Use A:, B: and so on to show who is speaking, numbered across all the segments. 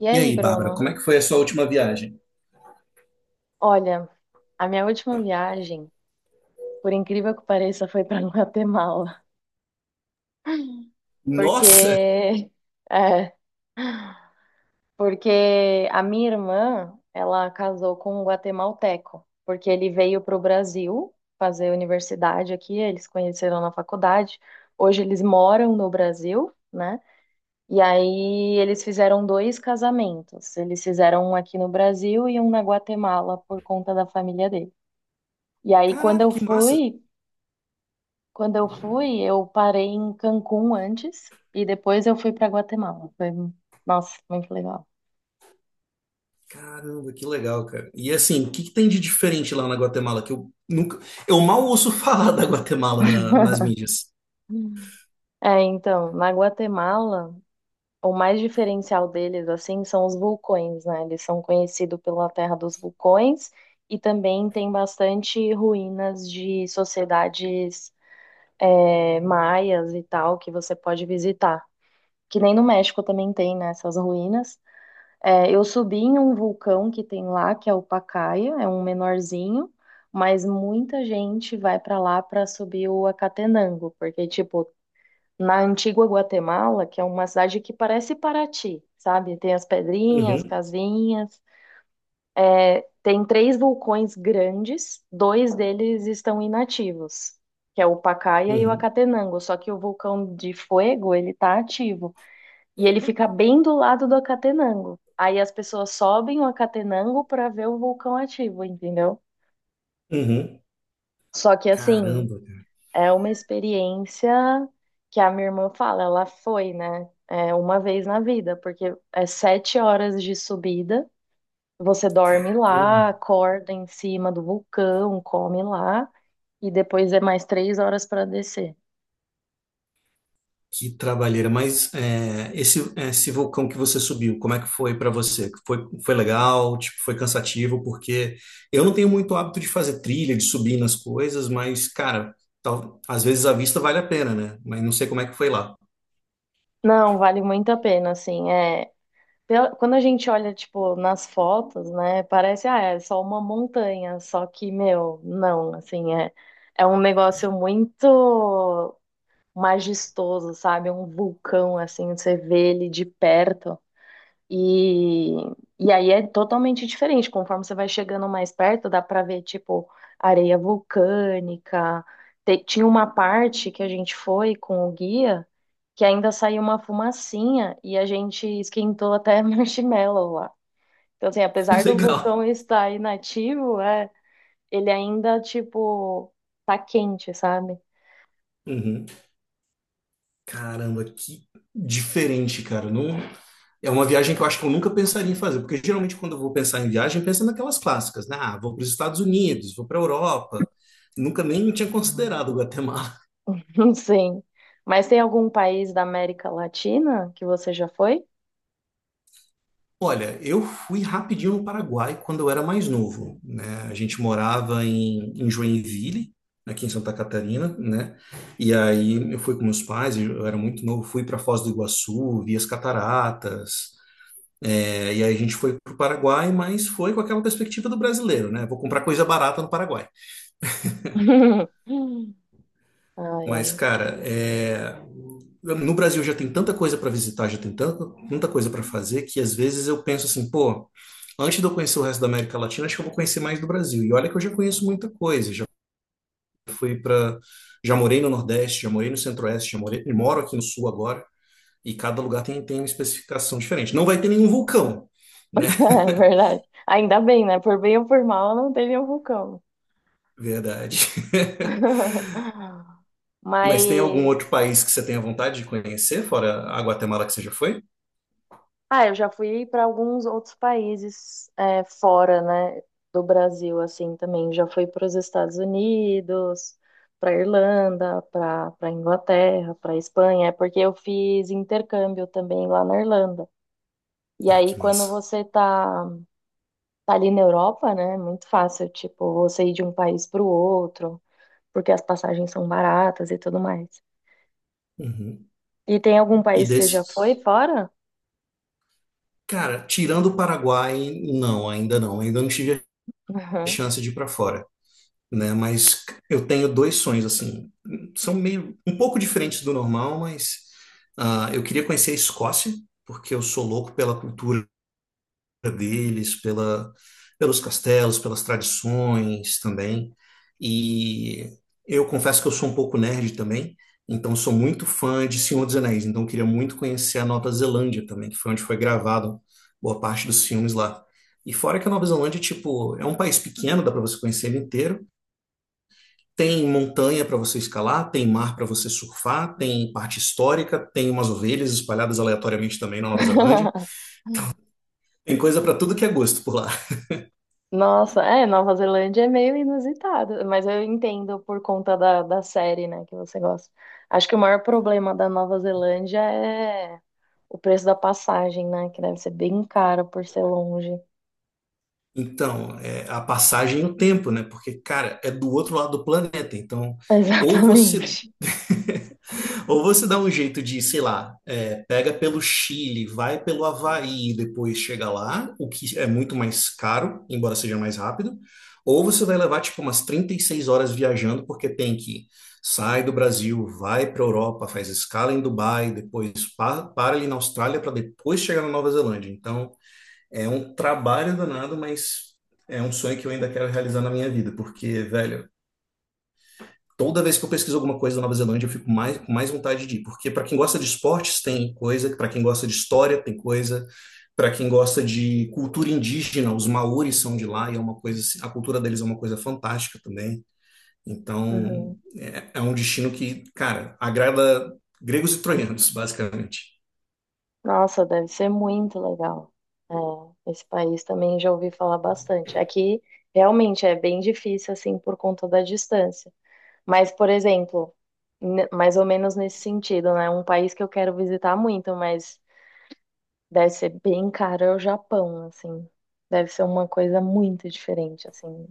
A: E
B: E
A: aí,
B: aí, Bárbara,
A: Bruno?
B: como é que foi a sua última viagem?
A: Olha, a minha última viagem, por incrível que pareça, foi para Guatemala,
B: Nossa!
A: porque é, porque a minha irmã, ela casou com um guatemalteco, porque ele veio para o Brasil fazer universidade aqui, eles conheceram na faculdade. Hoje eles moram no Brasil, né? E aí eles fizeram dois casamentos. Eles fizeram um aqui no Brasil e um na Guatemala por conta da família dele. E aí, quando
B: Caraca,
A: eu
B: que massa!
A: fui Quando eu fui, eu parei em Cancún antes e depois eu fui para Guatemala. Foi, nossa, muito legal.
B: Caramba, que legal, cara. E assim, o que que tem de diferente lá na Guatemala que eu nunca, eu mal ouço falar da Guatemala nas mídias.
A: Hum. É, então, na Guatemala, o mais diferencial deles, assim, são os vulcões, né? Eles são conhecidos pela terra dos vulcões e também tem bastante ruínas de sociedades, maias e tal que você pode visitar. Que nem no México também tem, né, essas ruínas. É, eu subi em um vulcão que tem lá, que é o Pacaya, é um menorzinho, mas muita gente vai para lá para subir o Acatenango, porque, tipo, na antiga Guatemala, que é uma cidade que parece Paraty, sabe? Tem as pedrinhas,
B: Uhum,
A: casinhas, tem três vulcões grandes, dois deles estão inativos, que é o Pacaya e o
B: uhum,
A: Acatenango, só que o vulcão de Fuego, ele tá ativo. E ele fica bem do lado do Acatenango. Aí as pessoas sobem o Acatenango para ver o vulcão ativo, entendeu?
B: uhum.
A: Só que assim,
B: Caramba, cara.
A: é uma experiência que a minha irmã fala, ela foi, né? É uma vez na vida, porque é 7 horas de subida, você dorme lá,
B: Caramba.
A: acorda em cima do vulcão, come lá, e depois é mais 3 horas para descer.
B: Que trabalheira, mas é, esse vulcão que você subiu, como é que foi para você? Foi legal? Tipo, foi cansativo? Porque eu não tenho muito hábito de fazer trilha, de subir nas coisas, mas, cara, tal, às vezes a vista vale a pena, né? Mas não sei como é que foi lá.
A: Não, vale muito a pena, assim, Quando a gente olha, tipo, nas fotos, né, parece, ah, é só uma montanha, só que, meu, não, assim, é um negócio muito majestoso, sabe? É um vulcão, assim, você vê ele de perto, e, e aí é totalmente diferente. Conforme você vai chegando mais perto, dá pra ver, tipo, areia vulcânica. Tinha uma parte que a gente foi com o guia que ainda saiu uma fumacinha e a gente esquentou até marshmallow lá. Então, assim, apesar do
B: Legal.
A: vulcão estar inativo, é, ele ainda, tipo, tá quente, sabe?
B: Uhum. Caramba, que diferente, cara. Não... É uma viagem que eu acho que eu nunca pensaria em fazer, porque geralmente quando eu vou pensar em viagem, eu penso naquelas clássicas, né? Ah, vou para os Estados Unidos, vou para a Europa. Nunca nem tinha considerado o Guatemala.
A: Não sei. Mas tem algum país da América Latina que você já foi?
B: Olha, eu fui rapidinho no Paraguai quando eu era mais novo, né? A gente morava em Joinville, aqui em Santa Catarina, né? E aí eu fui com meus pais, eu era muito novo, fui para Foz do Iguaçu, vi as cataratas, é, e aí a gente foi para o Paraguai, mas foi com aquela perspectiva do brasileiro, né? Vou comprar coisa barata no Paraguai.
A: Ai,
B: Mas,
A: ai.
B: cara, é, no Brasil já tem tanta coisa para visitar, já tem tanta, tanta coisa para fazer, que às vezes eu penso assim, pô, antes de eu conhecer o resto da América Latina, acho que eu vou conhecer mais do Brasil. E olha que eu já conheço muita coisa, já fui para, já morei no Nordeste, já morei no Centro-Oeste, já morei, moro aqui no Sul agora, e cada lugar tem, tem uma especificação diferente. Não vai ter nenhum vulcão, né?
A: É verdade. Ainda bem, né? Por bem ou por mal, não teve um vulcão.
B: Verdade. Mas tem algum outro
A: Mas,
B: país que você tenha vontade de conhecer, fora a Guatemala que você já foi?
A: ah, eu já fui para alguns outros países fora, né, do Brasil, assim, também. Já fui para os Estados Unidos, para Irlanda, para Inglaterra, para Espanha, é porque eu fiz intercâmbio também lá na Irlanda. E
B: Ah, que
A: aí, quando
B: massa.
A: você tá ali na Europa, né, é muito fácil, tipo, você ir de um país para o outro. Porque as passagens são baratas e tudo mais.
B: Uhum.
A: E tem algum
B: E
A: país que você já
B: desses?
A: foi fora?
B: Cara, tirando o Paraguai, não, ainda não. Ainda não tive a
A: Uhum.
B: chance de ir para fora. Né? Mas eu tenho dois sonhos assim, são meio um pouco diferentes do normal, mas ah, eu queria conhecer a Escócia, porque eu sou louco pela cultura deles, pela pelos castelos, pelas tradições também. E eu confesso que eu sou um pouco nerd também, então sou muito fã de Senhor dos Anéis, então eu queria muito conhecer a Nova Zelândia também, que foi onde foi gravado boa parte dos filmes lá. E fora que a Nova Zelândia, tipo, é um país pequeno, dá para você conhecer ele inteiro, tem montanha para você escalar, tem mar para você surfar, tem parte histórica, tem umas ovelhas espalhadas aleatoriamente também na Nova Zelândia. Tem coisa para tudo que é gosto por lá.
A: Nossa, é, Nova Zelândia é meio inusitado, mas eu entendo por conta da série, né, que você gosta. Acho que o maior problema da Nova Zelândia é o preço da passagem, né, que deve ser bem caro por ser longe.
B: Então, é a passagem e o tempo, né? Porque, cara, é do outro lado do planeta. Então, ou você.
A: Exatamente.
B: Ou você dá um jeito de, sei lá, é, pega pelo Chile, vai pelo Havaí e depois chega lá, o que é muito mais caro, embora seja mais rápido. Ou você vai levar, tipo, umas 36 horas viajando, porque tem que sai do Brasil, vai para a Europa, faz escala em Dubai, depois para ali na Austrália para depois chegar na Nova Zelândia. Então. É um trabalho danado, mas é um sonho que eu ainda quero realizar na minha vida, porque, velho, toda vez que eu pesquiso alguma coisa da Nova Zelândia, eu fico mais, com mais vontade de ir, porque para quem gosta de esportes tem coisa, para quem gosta de história tem coisa, para quem gosta de cultura indígena, os maoris são de lá e é uma coisa, assim, a cultura deles é uma coisa fantástica também. Então,
A: Uhum.
B: é, é um destino que, cara, agrada gregos e troianos, basicamente.
A: Nossa, deve ser muito legal. É, esse país também já ouvi falar bastante. Aqui realmente é bem difícil assim por conta da distância. Mas, por exemplo, mais ou menos nesse sentido, né? Um país que eu quero visitar muito, mas deve ser bem caro é o Japão, assim. Deve ser uma coisa muito diferente, assim.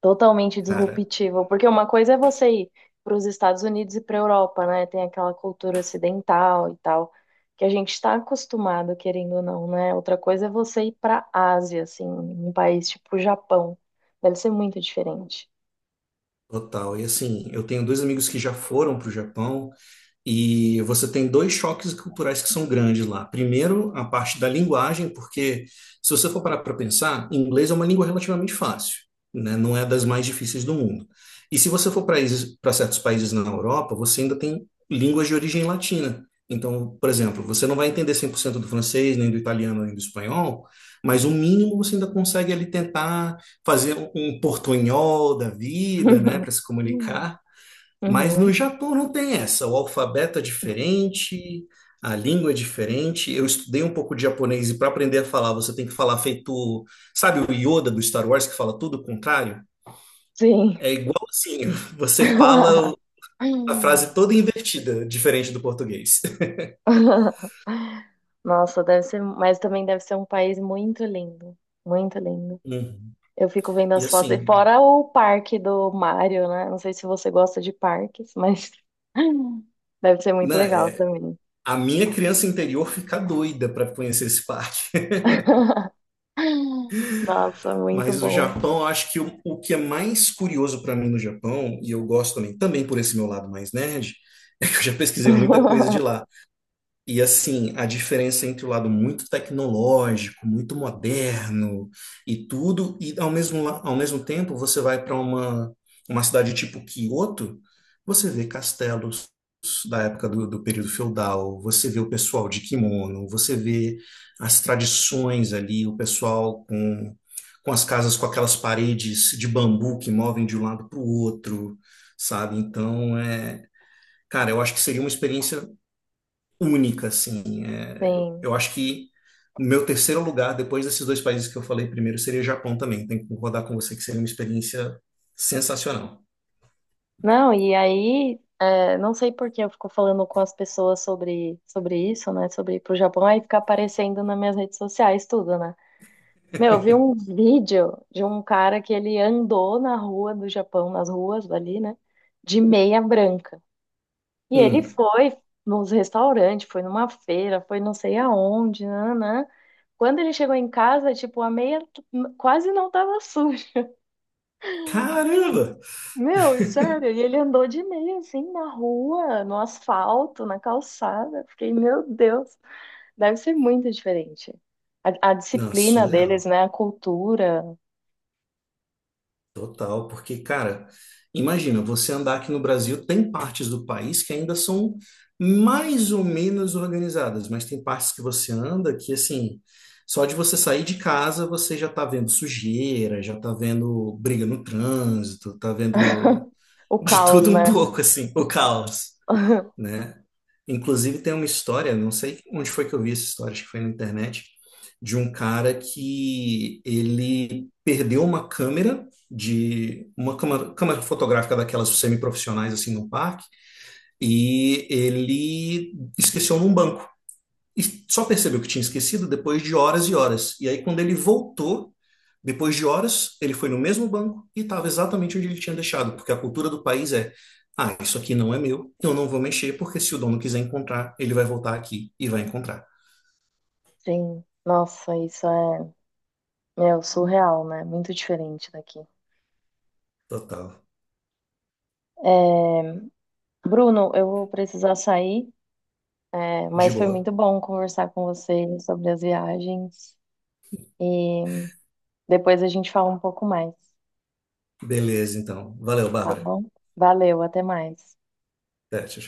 A: Totalmente
B: Cara,
A: disruptivo, porque uma coisa é você ir para os Estados Unidos e para a Europa, né? Tem aquela cultura ocidental e tal, que a gente está acostumado, querendo ou não, né? Outra coisa é você ir para a Ásia, assim, um país tipo o Japão. Deve ser muito diferente.
B: total. E assim, eu tenho dois amigos que já foram para o Japão. E você tem dois choques culturais que são grandes lá. Primeiro, a parte da linguagem, porque se você for parar para pensar, inglês é uma língua relativamente fácil, né? Não é das mais difíceis do mundo. E se você for para certos países na Europa, você ainda tem línguas de origem latina. Então, por exemplo, você não vai entender 100% do francês, nem do italiano, nem do espanhol, mas o mínimo você ainda consegue ali tentar fazer um portunhol da vida, né, para se comunicar. Mas no
A: Uhum,
B: Japão não tem essa. O alfabeto é diferente, a língua é diferente. Eu estudei um pouco de japonês e para aprender a falar, você tem que falar feito, sabe, o Yoda do Star Wars que fala tudo o contrário?
A: sim.
B: É igual assim, você fala a frase toda invertida, diferente do português.
A: Nossa, deve ser, mas também deve ser um país muito lindo, muito lindo.
B: Uhum.
A: Eu fico vendo
B: E
A: as fotos. E
B: assim,
A: fora o parque do Mario, né? Não sei se você gosta de parques, mas deve ser muito
B: né,
A: legal
B: é-
A: também.
B: a minha criança interior fica doida para conhecer esse parque.
A: Nossa, muito
B: Mas o
A: bom.
B: Japão, eu acho que o que é mais curioso para mim no Japão, e eu gosto também, também por esse meu lado mais nerd, é que eu já pesquisei muita coisa de lá. E assim, a diferença entre o lado muito tecnológico, muito moderno e tudo, e ao mesmo, ao mesmo tempo você vai para uma cidade tipo Kyoto, você vê castelos, da época do período feudal, você vê o pessoal de kimono, você vê as tradições ali, o pessoal com as casas com aquelas paredes de bambu que movem de um lado para o outro, sabe? Então, é, cara, eu acho que seria uma experiência única, assim. É,
A: Sim.
B: eu acho que o meu terceiro lugar, depois desses dois países que eu falei primeiro, seria Japão também. Tenho que concordar com você que seria uma experiência sensacional.
A: Não, e aí, é, não sei por que eu fico falando com as pessoas sobre isso, né? Sobre ir pro Japão, aí fica aparecendo nas minhas redes sociais tudo, né? Meu, eu vi um vídeo de um cara que ele andou na rua do Japão, nas ruas ali, né? De meia branca. E ele
B: Um.
A: foi nos restaurantes, foi numa feira, foi não sei aonde, nanã. Quando ele chegou em casa, tipo, a meia quase não tava suja.
B: Caramba!
A: Meu, sério, e ele andou de meia assim na rua, no asfalto, na calçada. Fiquei, meu Deus, deve ser muito diferente. A
B: Não,
A: disciplina deles,
B: surreal.
A: né? A cultura,
B: Total, porque, cara, imagina, você andar aqui no Brasil, tem partes do país que ainda são mais ou menos organizadas, mas tem partes que você anda que, assim, só de você sair de casa, você já tá vendo sujeira, já tá vendo briga no trânsito, tá vendo
A: o
B: de tudo
A: caos,
B: um
A: né?
B: pouco, assim, o caos, né? Inclusive tem uma história, não sei onde foi que eu vi essa história, acho que foi na internet, de um cara que ele perdeu uma câmera de uma câmera, câmera fotográfica daquelas semiprofissionais assim no parque e ele esqueceu num banco. E só percebeu que tinha esquecido depois de horas e horas. E aí, quando ele voltou, depois de horas, ele foi no mesmo banco e estava exatamente onde ele tinha deixado, porque a cultura do país é: ah, isso aqui não é meu, eu não vou mexer, porque se o dono quiser encontrar, ele vai voltar aqui e vai encontrar.
A: Sim, nossa, isso é, meu, surreal, né? Muito diferente daqui.
B: Total.
A: É, Bruno, eu vou precisar sair, é,
B: De
A: mas foi
B: boa.
A: muito bom conversar com você sobre as viagens e depois a gente fala um pouco mais,
B: Beleza, então. Valeu,
A: tá
B: Bárbara.
A: bom? Valeu, até mais.
B: Até, tchau, tchau.